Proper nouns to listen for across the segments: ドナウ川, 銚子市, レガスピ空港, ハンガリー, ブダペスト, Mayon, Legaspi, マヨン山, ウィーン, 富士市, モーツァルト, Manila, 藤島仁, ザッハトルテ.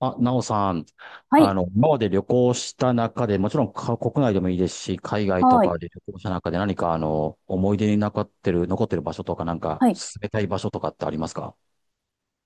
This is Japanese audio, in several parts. あ、なおさん、はい、今まで旅行した中で、もちろんか国内でもいいですし、海外とはい、かで旅行した中で何か、思い出に残ってる、場所とか、なんか、はい、進めたい場所とかってありますか？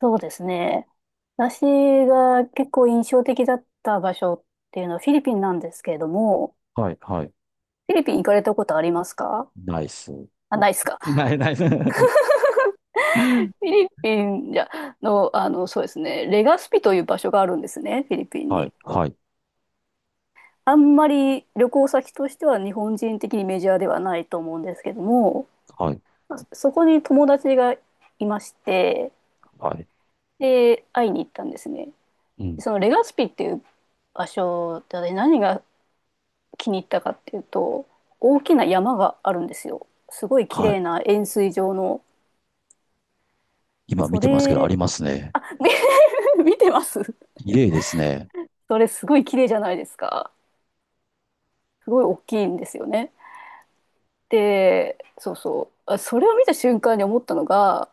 そうですね。私が結構印象的だった場所っていうのはフィリピンなんですけれども、はい、はい。フィリピン行かれたことありますか？ナイス。あ、ないですか。ない、ナイス。フィリピンじゃの、そうですね、レガスピという場所があるんですね、フィリピンはい、に。はい、あんまり旅行先としては日本人的にメジャーではないと思うんですけども、はい、そこに友達がいまして、はい。で、会いに行ったんですね。うん。そのレガスピっていう場所で私何が気に入ったかっていうと、大きな山があるんですよ。すごい綺はい。麗な円錐状の。今見そてますけど、あれ りますね。見てます。綺麗ですね。それすごい綺麗じゃないですか？すごい大きいんですよね。で、そうそう、それを見た瞬間に思ったのが、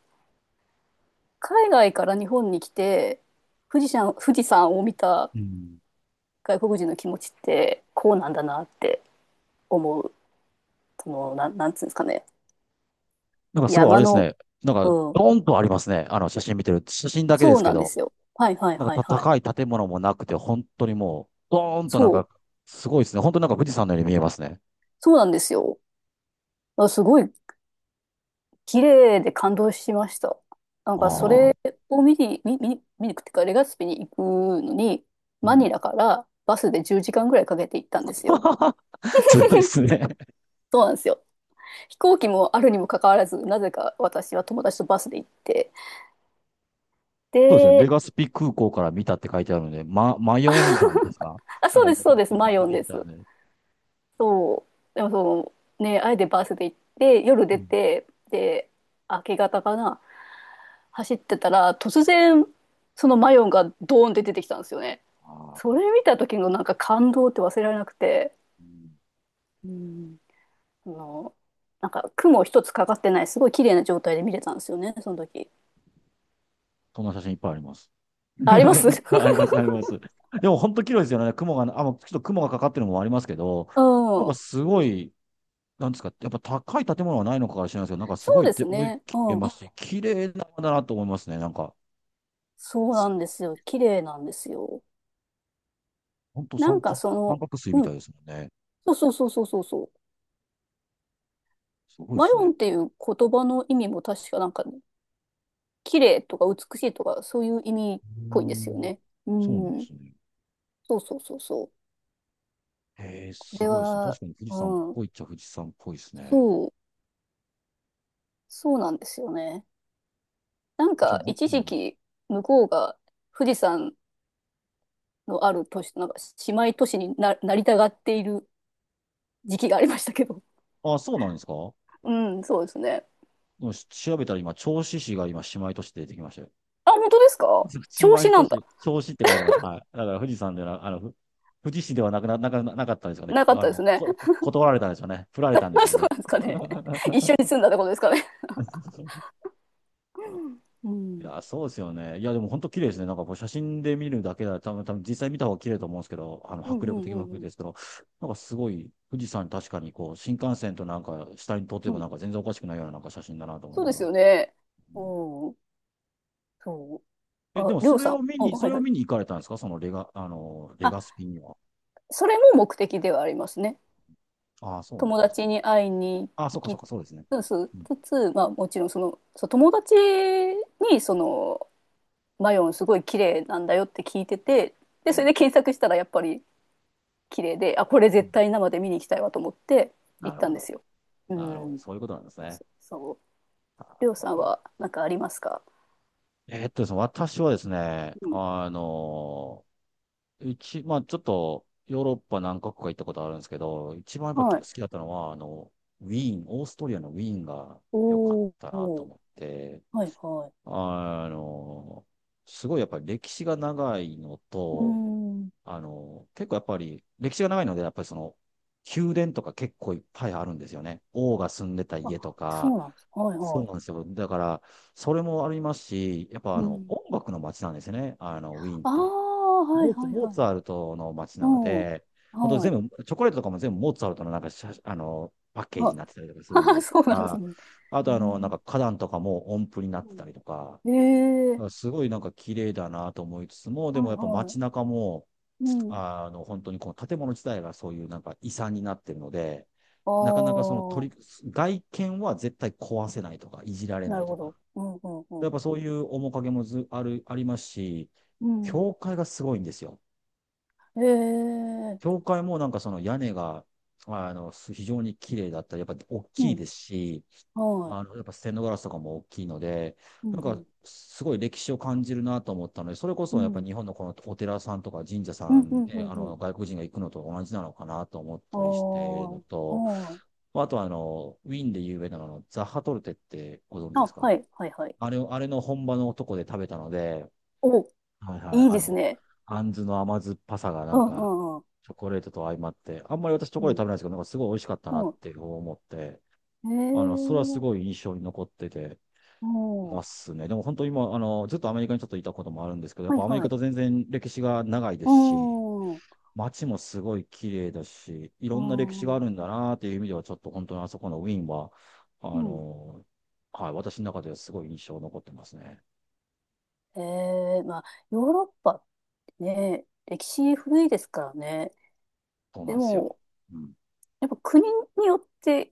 海外から日本に来て富士山を見たうん。外国人の気持ちってこうなんだなって思う。そのなんつうんですかね、なんかすごいあ山れですの、ね。なんか、うん、ドーンとありますね。あの、写真見てる。写真だけでそうすけなんでど。すよ。はいはいなんはいかたはい。高い建物もなくて、本当にもう、ドーンとそなんうか、すごいですね。本当になんか富士山のように見えますね。そうなんですよ。あ、すごい綺麗で感動しました。なんあかそあ。れを見に、見に行くっていうか、レガスピに行くのに、うマん。ニラからバスで10時間ぐらいかけて行ったんですよ。すごいです ね。そうなんですよ。飛行機もあるにもかかわらず、なぜか私は友達とバスで行って。そうですね。レで、ガスピ空港から見たって書いてあるので、ま、マヨン山ですか？あ、なそんうかです、今出そうてできす、た、マま出ヨンてできたす。ね。そう。でもその、ね、あえてバスで行って、夜う出ん。て、で、明け方かな、走ってたら、突然、そのマヨンがドーンって出てきたんですよね。あそれあ。見た時のなんか感動って忘れられなくて、うん。うん、あの、なんか雲一つかかってない、すごい綺麗な状態で見れたんですよね、その時。そんな写真いっぱいあります。あ、あります。 うん。あります、あります。でも本当綺麗ですよね。雲が、あ、もうちょっと雲がかかってるのもありますけど、なんかそすごい、なんですか、やっぱ高い建物はないのかから知らないですけど、なんかすごういでです大きね。く見えうん。ますし、綺麗な山だなと思いますね。なんか、そうなんですよ。綺麗なんですよ。本当な三ん角、かそ三の、角錐みうたいん。ですもんね。そうそうそうそうそうそう。すごいでマすヨね。ンっていう言葉の意味も確かなんか、綺麗とか美しいとか、そういう意味っうーぽいんですよん。ね。うそうなんでん。すね。そうそうそうそう。へえ、こすれごいですね。は、確かに富士山っうん。ぽいっちゃ富士山っぽいですね。そう。そうなんですよね。なんじゃあ、か一う時ん、期向こうが富士山のある都市、なんか姉妹都市になりたがっている時期がありましたけど。あ、そうなんですか？ うん、そうですね。でもし調べたら今、銚子市が今、姉妹都市で出てきましたよ。あ、本当ですか？藤調島子な仁んだ。し、表子って書いてました。はい。だから富士山では、ふ富士市ではなくな、なかなかったんですよね。なかっあたですの、ね。こ、断られたんでしょうね。振られあ、たんでしょうそうね。なんですかね。一緒 に住んだってことですかね。ういん。や、そうですよね。いや、でも本当綺麗ですね。なんかこう写真で見るだけだと多分実際見た方が綺麗だと思うんですけど、うん迫う力んう的もんう含めてん。ですけど、なんかすごい、富士山確かにこう、新幹線となんか下に撮ってうもん。なんか全然おかしくないようななんか写真だなと思いそうなでがら。すよね。ううん。ん。そう。え、であ、もりょうさん。あ、そはいれをはい。見に行かれたんですか？そのレガ、あの、レあ、ガスピには。それも目的ではありますね。ああ、そうな友んですね。達に会いにあ、そっか行そっきか、そうですね。つつ、うん、つつ、まあもちろんその、そう、友達にその、マヨンすごい綺麗なんだよって聞いてて、うで、そん、れで検索したらやっぱり綺麗で、あ、これうん。絶対生で見に行きたいわと思って行なっるたほんですど。よ。うなるほど。ん。そういうことなんですね。そう。そう、あー、りょうわさんかりましはなんかありますか？た。えーっとですね、私はですね、うん。うち、まあちょっと、ヨーロッパ何カ国か行ったことあるんですけど、一番やっぱ好はい。きだったのは、ウィーン、オーストリアのウィーンが良かっおーたなとおー、思って、はいはい。あのすごいやっぱり歴史が長いのうと、ん。あの、結構やっぱり歴史が長いので、やっぱりその、宮殿とか結構いっぱいあるんですよね。王が住んでたあ、家とそか、うなんです。はいそうはなんですよ。だから、それもありますし、やっぱい。あうの、ん。音楽の街なんですよね。あの、ウィーンっあて。あ、はいモーツ、はいモーはいツはァルい。トの街なのうん。で、本当はい。全部、チョコレートとかも全部モーツァルトのなんか写、パッケージあ、になってたりとかするん であ、すそうなんですが、ね。あえとあの、なんー、か花壇とかも音符になっうてたん、りとか、えだかー、らすごいなんか綺麗だなと思いつつも、でもはいやっぱは街い。中も、うん。本当にこの建物自体がそういうなんか遺産になってるので、あなかなかそのあ、取り、外見は絶対壊せないとか、いじられなないるとほか。ど。うんうんうやん。っぱそういう面影もず、ある、ありますし、うん。教会がすごいんですよ。えー、教会もなんかその屋根が、非常に綺麗だったり、やっぱ大うきいん。ですし、はい。やっぱステンドガラスとかも大きいので、うなんんうか、ん。すごい歴史を感じるなと思ったので、それこうそやっぱりん。日本のこのお寺さんとか神社うさんうんんうね、んうん。外国人が行くのと同じなのかなと思っああ、たりしてるのと、はい。まあとはあの、ウィーンで有名なのザッハトルテってご存知あ、ですか？はいはいはい。あれを、あれの本場のとこで食べたので、お、はいはい、いいですね。あんずの甘酸っぱさがなうんんうか、んうん。チョコレートと相まって、あんまり私チョうコレートん。食べないんですけど、なんかすごい美味しかったうなっん。て思って、えそれはすー、ごい印象に残ってて、うん。はますね。でも本当に今、ずっとアメリカにちょっといたこともあるんですけど、やっぱいアメリはカい。と全然歴史が長いでうすし、ん。う街もすごい綺麗だし、いろんな歴史があん。るんだなっていう意味では、ちょっと本当にあそこのウィーンは、あうん。の、はい、私の中ではすごい印象残ってますね。まあ、ヨーロッパっねえ、歴史古いですからね。そうなんでですよ。も、うん。やっぱ国によって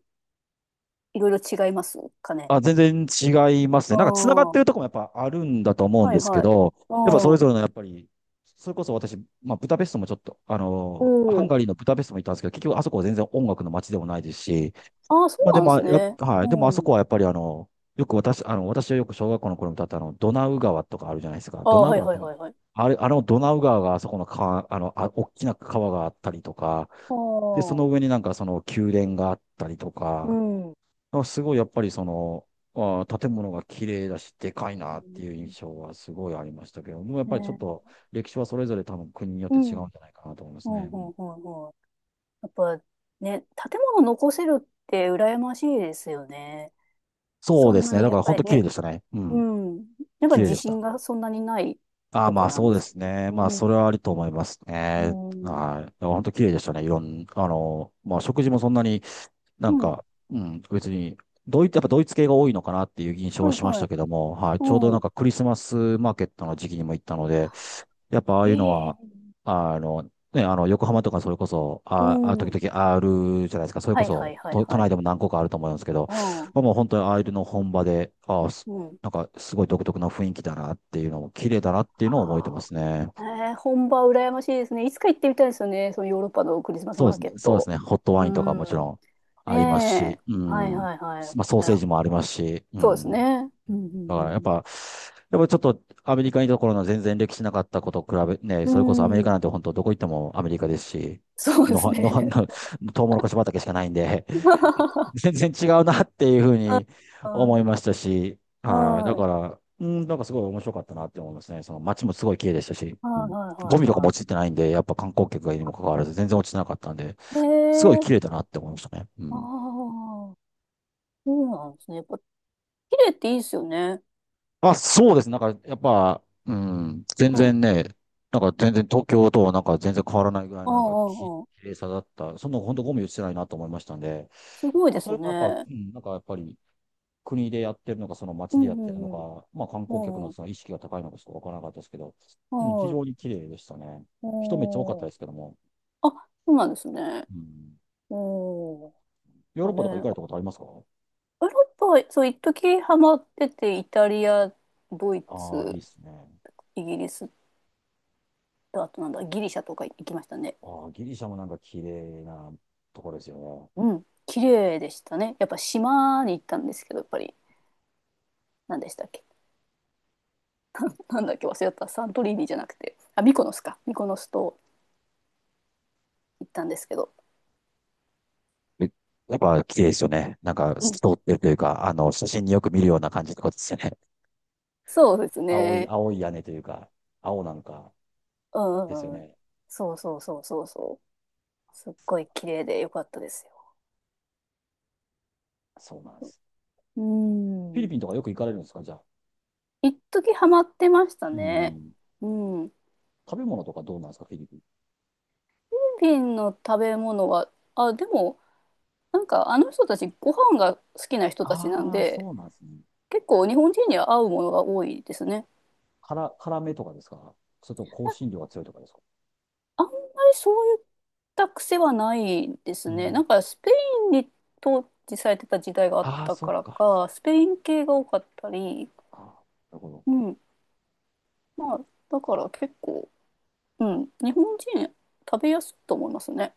いろいろ違いますかね。あ、全然違いますあね。なんか繋がっあ、てるはとこもやっぱあるんだと思うんでいすけはい。ど、ああ、やっぱそれおぞれのやっぱり、それこそ私、まあ、ブダペストもちょっと、ハンお、ガリーのブダペストも行ったんですけど、結局あそこは全然音楽の街でもないですし、ああ、そまあうでなんでも、すやっね。はうい。でもあそこん。はやっぱりあの、よく私、あの、私はよく小学校の頃に歌ったあの、ドナウ川とかあるじゃないですか。あドあ、ナウはい川っはていいうのはいはい。は、あれ、あのドナウ川があそこの川、あ、大きな川があったりとか、あで、そあ、の上になんかその宮殿があったりとうか、ん。あすごいやっぱりその、あ建物が綺麗だし、でかいなっていう印象はすごいありましたけど、もうやっぱりちょっね、と歴史はそれぞれ多分国によっうて違ん。うん、うんじゃないかなと思いまうすね。うん、ん。うん、うん。やっぱね、建物残せるって羨ましいですよね。そうそでんすなね。にだやかっら本ぱり当綺麗ね、でしたね。ううん。ん。やっぱ綺麗自でした。信がそんなにないああ、とこまあなんそうでですすね。ね。まあうそん。れはありと思いますうね。ん。はい。でも本当綺麗でしたね。いろん、まあ食事もそんなになうんん。か、うん、別に、ドイツ、やっぱドイツ系が多いのかなっていう印象ははいしましはたい。けども、はい。ちょうどなうんん。かクリスマスマーケットの時期にも行ったので、やっぱああいうのえは、え、あの、ね、横浜とかそれこそ、うあ、あ、時ん。々あるじゃないですか。それこはいはそ、いはい都、都は内い。でも何個かあると思うんですけど、うん。まあ、もう本当にああいうの本場で、あすうん。なんかすごい独特な雰囲気だなっていうのも、綺麗だなっていうのを覚えてあまあ。すね。ええ、本場羨ましいですね。いつか行ってみたいですよね。そのヨーロッパのクリスマスそうでマーすケね。ッそうですト。ね。ホットうワインとかん。もちろんありますねし、え。うはいん。はいはい。まあ、ソーいセーや、ジもありますし、うそうですん。ね。うんだかうらやっんぱ、やっぱちょっとアメリカにいた頃の全然歴史なかったことと比べ、ね、うそれこそアメリんうカん。なんて本当どこ行ってもアメリカですし、そうでのすは、のは、ね。の、トウモロコシ畑しかないんで、全然違うなっていうふうには思い。いましたし、ははい。だかいら、うん、なんかすごい面白かったなって思いますね。その街もすごい綺麗でしたし、はういん、ゴはミいとかもは落ちてないんで、やっぱ観光客がいるにもかかわらず全然落ちてなかったんで、い。へすごい綺麗え。だなって思いましたね。うああ。ん。そうなんですね。やっぱ、綺麗っていいですよね。あ、そうです。なんか、やっぱ、うん、全うん。然ね、なんか全然東京となんか全然変わらないぐらいあ、あのあ、なんかきああ。綺麗さだった。そんなの本当ゴミ落ちてないなと思いましたんで、すごいまあ、でそすれもやっぱ、ね。うん、なんかやっぱり国でやってるのか、そのう街でやっんうてるのんうか、まあ観光客ん。のうん。その意識が高いのかちょっとわからなかったですけど、うん、非はい。常に綺麗でしたね。人めっちゃ多かったおー。ですけども、あ、そうなんですね。うん、おー。ヨーなロんッパとか行かかね、れたヨことありますか？ーロッパ、そう、一時ハマってて、イタリア、ドイああー、いツ、いですね。イギリスと、あとなんだ、ギリシャとか行きましたね。ああ、ギリシャもなんか綺麗なところですよね。うん。綺麗でしたね。やっぱ島に行ったんですけど、やっぱり、何でしたっけ？なんだっけ忘れた。サントリーニじゃなくて。あ、ミコノスか。ミコノスと行ったんですけど。め、やっぱ綺麗ですよね。なんかう透き通ん。ってるというか、写真によく見るような感じってことですよね。そうです青い、ね。青い屋根というか、青なんかうんうですよんうん。ね。そうそうそうそうそう。すっごいそ綺麗で良かったですよ。そうなんです。うフィリん。ピンとかよく行かれるんですか、じゃあ。一時ハマってましたうね。ん。うん。フ食べ物とかどうなんですか、フィリピン。ィリピンの食べ物は、あ、でも、なんかあの人たちご飯が好きな人たちなんああ、で、そうなんですね。結構日本人には合うものが多いですね。辛、辛めとかですか？それとも香辛料が強いとかですか？あんまりそういった癖はないですうね。ん。なんかスペインに統治されてた時代があっああ、たそかっらか。そか、スペイン系が多かったり、っか。あー、なるほど。うん。まあ、だから結構、うん。日本人食べやすいと思いますね。